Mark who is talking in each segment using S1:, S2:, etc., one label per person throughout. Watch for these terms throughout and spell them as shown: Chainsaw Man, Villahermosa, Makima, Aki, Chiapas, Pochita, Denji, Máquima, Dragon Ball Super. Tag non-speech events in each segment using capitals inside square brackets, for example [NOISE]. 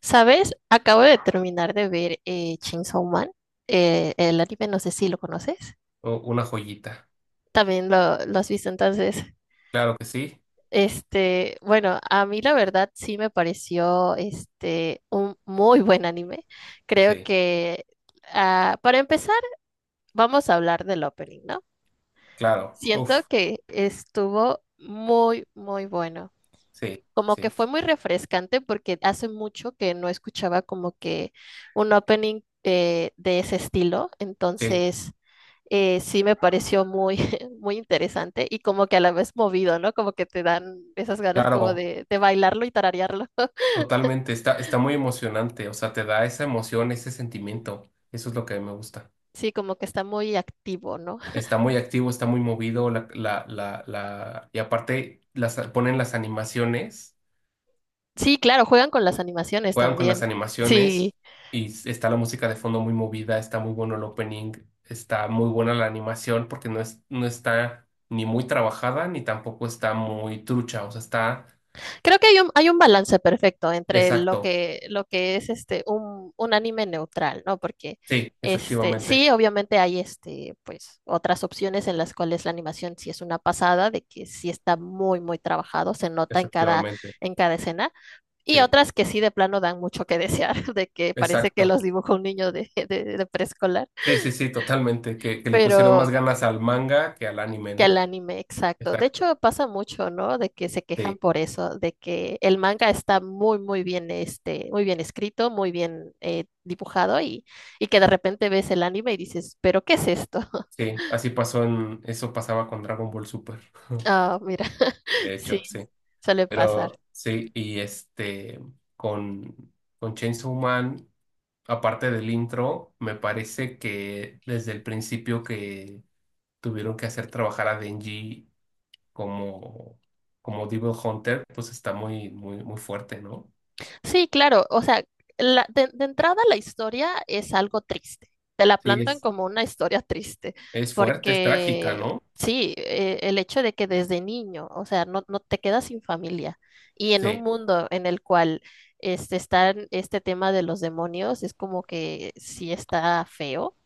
S1: ¿Sabes? Acabo de terminar de ver Chainsaw Man, el anime, no sé si lo conoces.
S2: Una joyita.
S1: También lo has visto entonces.
S2: Claro que sí,
S1: Bueno, a mí la verdad sí me pareció un muy buen anime. Creo
S2: sí,
S1: que para empezar vamos a hablar del opening, ¿no?
S2: claro.
S1: Siento
S2: Uf,
S1: que estuvo muy, muy bueno.
S2: sí,
S1: Como que
S2: sí,
S1: fue muy refrescante porque hace mucho que no escuchaba como que un opening de ese estilo,
S2: sí,
S1: entonces sí me pareció muy, [LAUGHS] muy interesante y como que a la vez movido, ¿no? Como que te dan esas ganas como
S2: claro,
S1: de bailarlo y tararearlo. [LAUGHS]
S2: totalmente. Está muy emocionante, o sea, te da esa emoción, ese sentimiento. Eso es lo que a mí me gusta.
S1: Sí, como que está muy activo, ¿no?
S2: Está muy activo, está muy movido, y aparte ponen las animaciones.
S1: Sí, claro, juegan con las animaciones
S2: Juegan con las
S1: también. Sí.
S2: animaciones y está la música de fondo muy movida, está muy bueno el opening, está muy buena la animación porque no es, no está ni muy trabajada ni tampoco está muy trucha, o sea, está
S1: Creo que hay hay un balance perfecto entre
S2: exacto.
S1: lo que es un anime neutral, ¿no? Porque
S2: Sí, efectivamente,
S1: sí, obviamente hay pues, otras opciones en las cuales la animación sí es una pasada, de que sí está muy, muy trabajado, se nota en
S2: efectivamente,
S1: en cada escena, y
S2: sí,
S1: otras que sí de plano dan mucho que desear, [LAUGHS] de que parece que
S2: exacto.
S1: los dibujó un niño de preescolar.
S2: Sí, sí, sí, totalmente, que le pusieron más
S1: Pero,
S2: ganas al manga que al anime,
S1: que al
S2: ¿no?
S1: anime, exacto. De
S2: Exacto.
S1: hecho, pasa mucho, ¿no? De que se quejan
S2: Sí,
S1: por eso, de que el manga está muy, muy bien, muy bien escrito, muy bien dibujado, y que de repente ves el anime y dices, ¿pero qué es esto? [LAUGHS]
S2: sí, así pasó eso pasaba con Dragon Ball Super. [LAUGHS]
S1: Ah, mira, [LAUGHS]
S2: De
S1: sí,
S2: hecho, sí.
S1: suele pasar.
S2: Pero sí, y este, con, con Chainsaw Man, aparte del intro, me parece que desde el principio que tuvieron que hacer trabajar a Denji como, como Devil Hunter, pues está muy, muy, muy fuerte, ¿no?
S1: Sí, claro, o sea, de entrada la historia es algo triste, te la
S2: Sí,
S1: plantan
S2: es,
S1: como una historia triste,
S2: es fuerte, es trágica,
S1: porque
S2: ¿no?
S1: sí, el hecho de que desde niño, o sea, no, no te quedas sin familia y en un
S2: Sí,
S1: mundo en el cual están tema de los demonios, es como que sí está feo,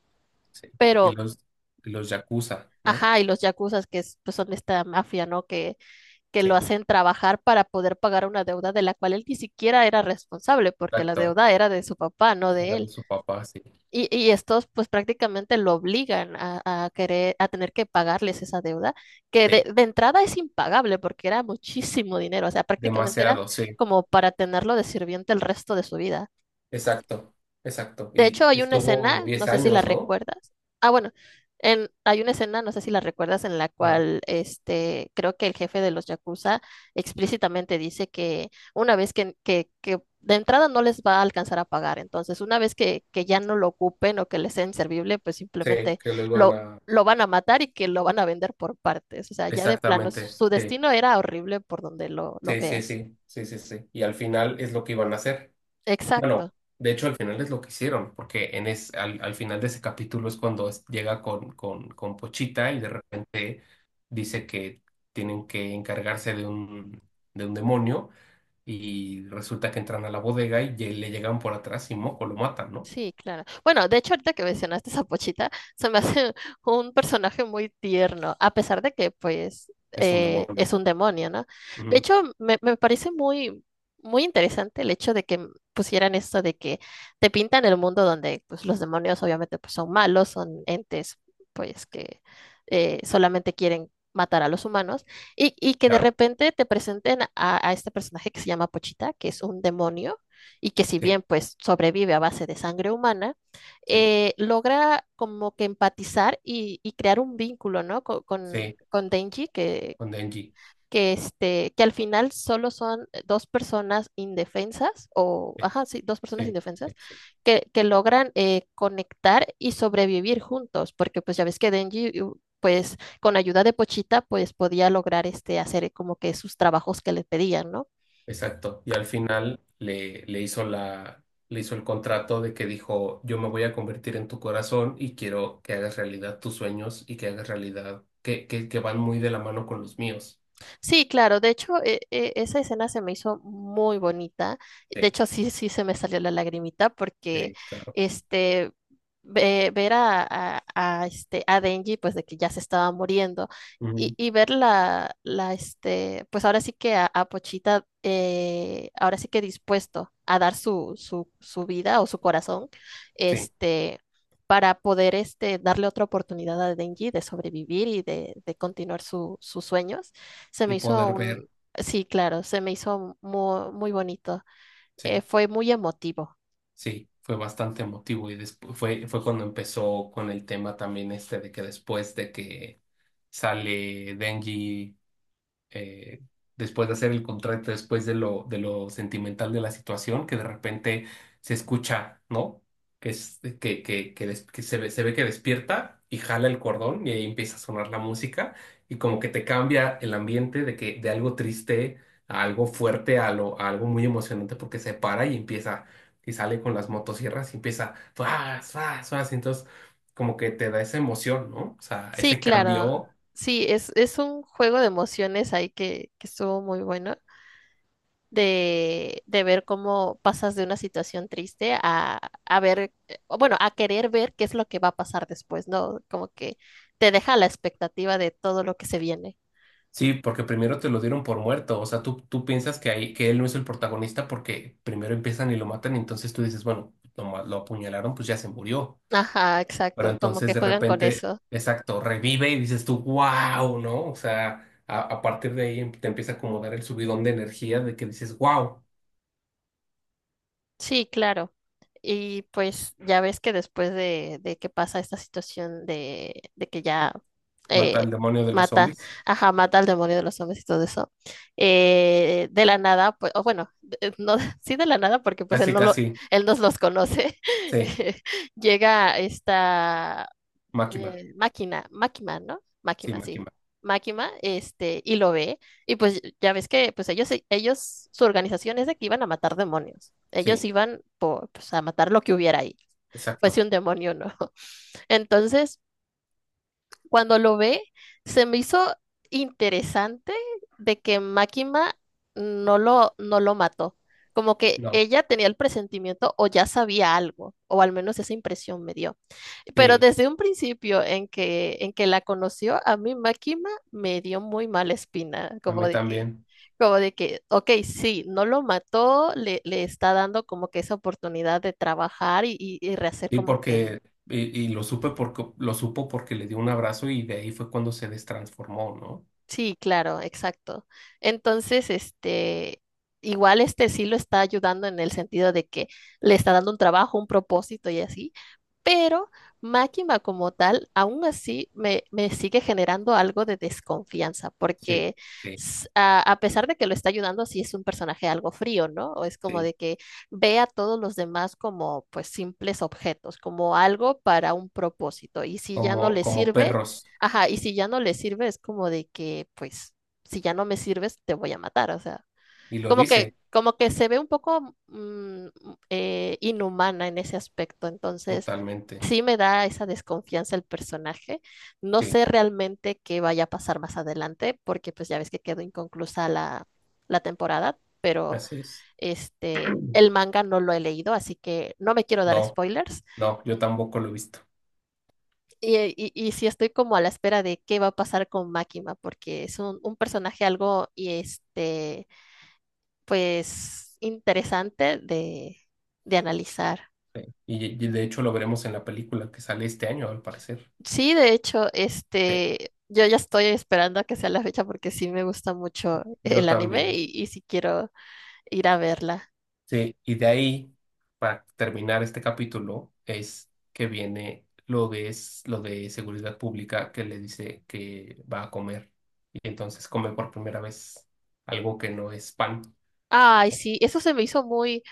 S2: sí. Y
S1: pero,
S2: los, y los Yakuza, ¿no?
S1: ajá, y los yakuzas pues son esta mafia, ¿no? Que lo
S2: Sí,
S1: hacen trabajar para poder pagar una deuda de la cual él ni siquiera era responsable, porque la
S2: exacto.
S1: deuda era de su papá, no de
S2: Era de
S1: él.
S2: su papá, sí.
S1: Y estos pues prácticamente lo obligan a querer, a tener que pagarles esa deuda, que de,
S2: Sí,
S1: de, entrada es impagable porque era muchísimo dinero, o sea, prácticamente era
S2: demasiado, sí.
S1: como para tenerlo de sirviente el resto de su vida.
S2: Exacto, exacto.
S1: De
S2: Y
S1: hecho, hay una
S2: estuvo
S1: escena, no
S2: 10
S1: sé si la
S2: años, ¿no?
S1: recuerdas. Ah, bueno, hay una escena, no sé si la recuerdas, en la
S2: Ah,
S1: cual creo que el jefe de los Yakuza explícitamente dice que una vez que de entrada no les va a alcanzar a pagar, entonces una vez que ya no lo ocupen o que les sea inservible, pues
S2: sí,
S1: simplemente
S2: que lo iban
S1: lo,
S2: a...
S1: lo van a matar y que lo van a vender por partes. O sea, ya de plano, su,
S2: Exactamente,
S1: su
S2: sí,
S1: destino era horrible por donde lo
S2: sí, sí,
S1: veas.
S2: sí, sí, sí, sí. Y al final es lo que iban a hacer. Bueno,
S1: Exacto.
S2: de hecho al final es lo que hicieron, porque al final de ese capítulo es cuando llega con Pochita y de repente dice que tienen que encargarse de un demonio y resulta que entran a la bodega y le llegan por atrás y moco, lo matan, ¿no?
S1: Sí, claro. Bueno, de hecho, ahorita que mencionaste esa pochita, se me hace [LAUGHS] un personaje muy tierno, a pesar de que, pues,
S2: Es un demonio.
S1: es un demonio, ¿no? De
S2: Ujú,
S1: hecho, me parece muy, muy interesante el hecho de que pusieran esto de que te pintan el mundo donde, pues, los demonios obviamente, pues, son malos, son entes, pues, que solamente quieren matar a los humanos, y que de
S2: claro.
S1: repente te presenten a este personaje que se llama Pochita, que es un demonio y que si
S2: Sí.
S1: bien pues sobrevive a base de sangre humana,
S2: Sí,
S1: logra como que empatizar y crear un vínculo, ¿no? Con
S2: sí,
S1: con Denji,
S2: con Denji.
S1: que, que al final solo son dos personas indefensas, o,
S2: Sí,
S1: ajá, sí, dos personas
S2: sí, sí,
S1: indefensas,
S2: sí.
S1: que logran conectar y sobrevivir juntos, porque pues ya ves que Denji... pues con ayuda de Pochita, pues podía lograr hacer como que sus trabajos que le pedían, ¿no?
S2: Exacto. Y al final le hizo le hizo el contrato de que dijo, yo me voy a convertir en tu corazón y quiero que hagas realidad tus sueños y que hagas realidad, que van muy de la mano con los míos.
S1: Sí, claro, de hecho, esa escena se me hizo muy bonita. De
S2: Sí,
S1: hecho, sí, sí se me salió la lagrimita porque
S2: sí, claro.
S1: este ver a, a, a Denji, pues de que ya se estaba muriendo,
S2: Ujú,
S1: y ver la pues ahora sí que a Pochita, ahora sí que dispuesto a dar su, su, su vida o su corazón,
S2: sí.
S1: este para poder darle otra oportunidad a Denji de sobrevivir y de continuar sus sueños. Se
S2: Y
S1: me hizo
S2: poder ver,
S1: un, sí, claro, se me hizo muy, muy bonito.
S2: sí,
S1: Fue muy emotivo.
S2: sí, fue bastante emotivo. Y después fue cuando empezó con el tema también este de que después de que sale Denji. eh, Después de hacer el contrato, después de lo sentimental de la situación, que de repente se escucha, ¿no? Que se ve que despierta y jala el cordón y ahí empieza a sonar la música y como que te cambia el ambiente de que de algo triste a algo fuerte, a algo muy emocionante porque se para y empieza y sale con las motosierras y empieza, ¡fas, fas, fas! Entonces como que te da esa emoción, ¿no? O sea,
S1: Sí,
S2: ese
S1: claro.
S2: cambio.
S1: Sí, es un juego de emociones ahí que estuvo muy bueno. De ver cómo pasas de una situación triste a ver, o bueno, a querer ver qué es lo que va a pasar después, ¿no? Como que te deja la expectativa de todo lo que se viene.
S2: Sí, porque primero te lo dieron por muerto, o sea, tú piensas que, ahí, que él no es el protagonista porque primero empiezan y lo matan, y entonces tú dices, bueno, lo apuñalaron, pues ya se murió,
S1: Ajá,
S2: pero
S1: exacto, como que
S2: entonces de
S1: juegan con
S2: repente,
S1: eso.
S2: exacto, revive y dices tú, wow, ¿no? O sea, a partir de ahí te empieza como a dar el subidón de energía de que dices, wow,
S1: Sí, claro. Y pues ya ves que después de que pasa esta situación de que ya
S2: mata
S1: eh,
S2: al demonio de los
S1: mata,
S2: zombies.
S1: ajá, mata al demonio de los hombres y todo eso, de la nada, pues, o bueno, no, [LAUGHS] sí de la nada, porque pues él
S2: Casi,
S1: no lo,
S2: casi,
S1: él nos los conoce,
S2: sí,
S1: [LAUGHS] llega esta
S2: Máquina,
S1: Máquina, Máquima ¿no?
S2: sí,
S1: Máquima sí.
S2: Máquina,
S1: Máquima y lo ve, y pues ya ves que pues ellos, su organización es de que iban a matar demonios. Ellos
S2: sí,
S1: iban por, pues, a matar lo que hubiera ahí,
S2: exacto,
S1: fuese un demonio, ¿no? [LAUGHS] Entonces, cuando lo ve, se me hizo interesante de que Máquina no lo mató. Como que
S2: no,
S1: ella tenía el presentimiento o ya sabía algo, o al menos esa impresión me dio. Pero
S2: sí,
S1: desde un principio en que la conoció, a mí Máquina me dio muy mala espina,
S2: a mí también.
S1: como de que, ok, sí, no lo mató, le está dando como que esa oportunidad de trabajar y rehacer
S2: Y
S1: como que
S2: porque, y lo supe porque, lo supo porque le dio un abrazo y de ahí fue cuando se destransformó, ¿no?
S1: sí, claro, exacto. Entonces, igual sí lo está ayudando en el sentido de que le está dando un trabajo, un propósito y así, pero Máquina como tal, aún así me, me sigue generando algo de desconfianza,
S2: Sí,
S1: porque
S2: sí,
S1: a pesar de que lo está ayudando, sí es un personaje algo frío, ¿no? O es como
S2: sí.
S1: de que ve a todos los demás como pues simples objetos, como algo para un propósito, y si ya no
S2: Como,
S1: le
S2: como
S1: sirve.
S2: perros.
S1: Ajá, y si ya no le sirve, es como de que, pues, si ya no me sirves, te voy a matar. O sea,
S2: Y lo dice
S1: como que se ve un poco inhumana en ese aspecto. Entonces,
S2: totalmente.
S1: sí me da esa desconfianza el personaje. No
S2: Sí,
S1: sé realmente qué vaya a pasar más adelante, porque pues ya ves que quedó inconclusa la, la temporada, pero
S2: así es. [CLEARS THROAT]
S1: el manga no lo he leído, así que no me quiero dar
S2: No,
S1: spoilers.
S2: no, yo tampoco lo he visto.
S1: Y sí estoy como a la espera de qué va a pasar con Máquina, porque es un personaje algo y pues interesante de analizar.
S2: Sí. Y de hecho lo veremos en la película que sale este año, al parecer.
S1: Sí, de hecho,
S2: Sí,
S1: yo ya estoy esperando a que sea la fecha porque sí me gusta mucho
S2: yo
S1: el anime
S2: también.
S1: y sí quiero ir a verla.
S2: Sí, y de ahí, para terminar este capítulo, es que viene lo de seguridad pública que le dice que va a comer. Y entonces come por primera vez algo que no es pan.
S1: Ay, sí, eso se me hizo muy,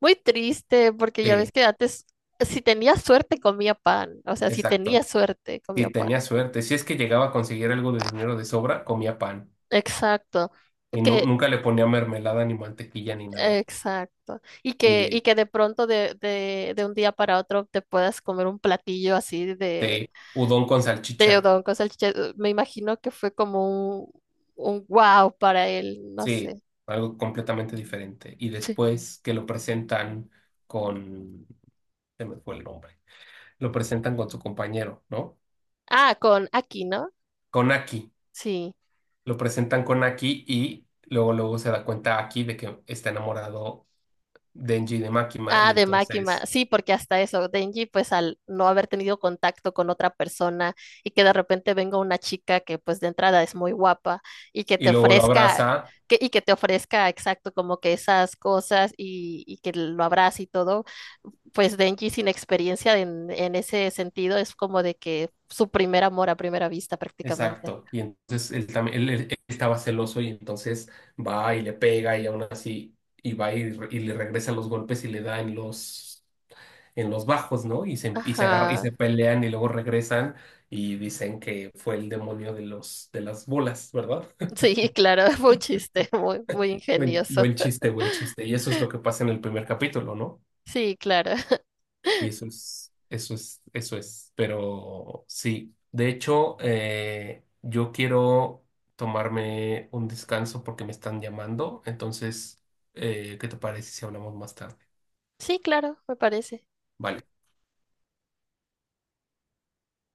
S1: muy triste porque ya ves
S2: Sí,
S1: que antes, si tenía suerte, comía pan. O sea, si tenía
S2: exacto.
S1: suerte,
S2: Si
S1: comía pan.
S2: tenía suerte, si es que llegaba a conseguir algo de dinero de sobra, comía pan.
S1: Exacto.
S2: Y
S1: Que
S2: nunca le ponía mermelada, ni mantequilla, ni nada.
S1: exacto. Y
S2: Y
S1: que de pronto de un día para otro te puedas comer un platillo así
S2: de udón con
S1: de
S2: salchicha.
S1: udon con salchicha. Me imagino que fue como un wow para él, no
S2: Sí,
S1: sé.
S2: algo completamente diferente. Y
S1: Sí.
S2: después que lo presentan con, se me fue el nombre, lo presentan con su compañero, ¿no?
S1: Ah, con aquí, ¿no?
S2: Con Aki,
S1: Sí.
S2: lo presentan con Aki y luego luego se da cuenta Aki de que está enamorado Denji de Makima y
S1: Ah, de Máquina,
S2: entonces,
S1: sí, porque hasta eso, Denji, pues al no haber tenido contacto con otra persona y que de repente venga una chica que pues de entrada es muy guapa y que
S2: y
S1: te
S2: luego lo
S1: ofrezca,
S2: abraza,
S1: que, y que te ofrezca exacto como que esas cosas y que lo abrace y todo, pues Denji sin experiencia en ese sentido es como de que su primer amor a primera vista prácticamente.
S2: exacto, y entonces él también, estaba celoso y entonces va y le pega y aún así, y va y le regresa los golpes y le da en los bajos, ¿no? Y se agarra, y
S1: Ajá,
S2: se pelean y luego regresan y dicen que fue el demonio de los, de las bolas, ¿verdad?
S1: sí, claro, [LAUGHS] fue un chiste muy, muy
S2: Buen,
S1: ingenioso.
S2: buen chiste, buen chiste. Y eso es lo que pasa en el primer capítulo, ¿no?
S1: Sí, claro, [LAUGHS]
S2: Y eso es, eso es, eso es. Pero sí, de hecho, yo quiero tomarme un descanso porque me están llamando. Entonces, ¿qué te parece si hablamos más tarde?
S1: sí, claro, me parece.
S2: Vale.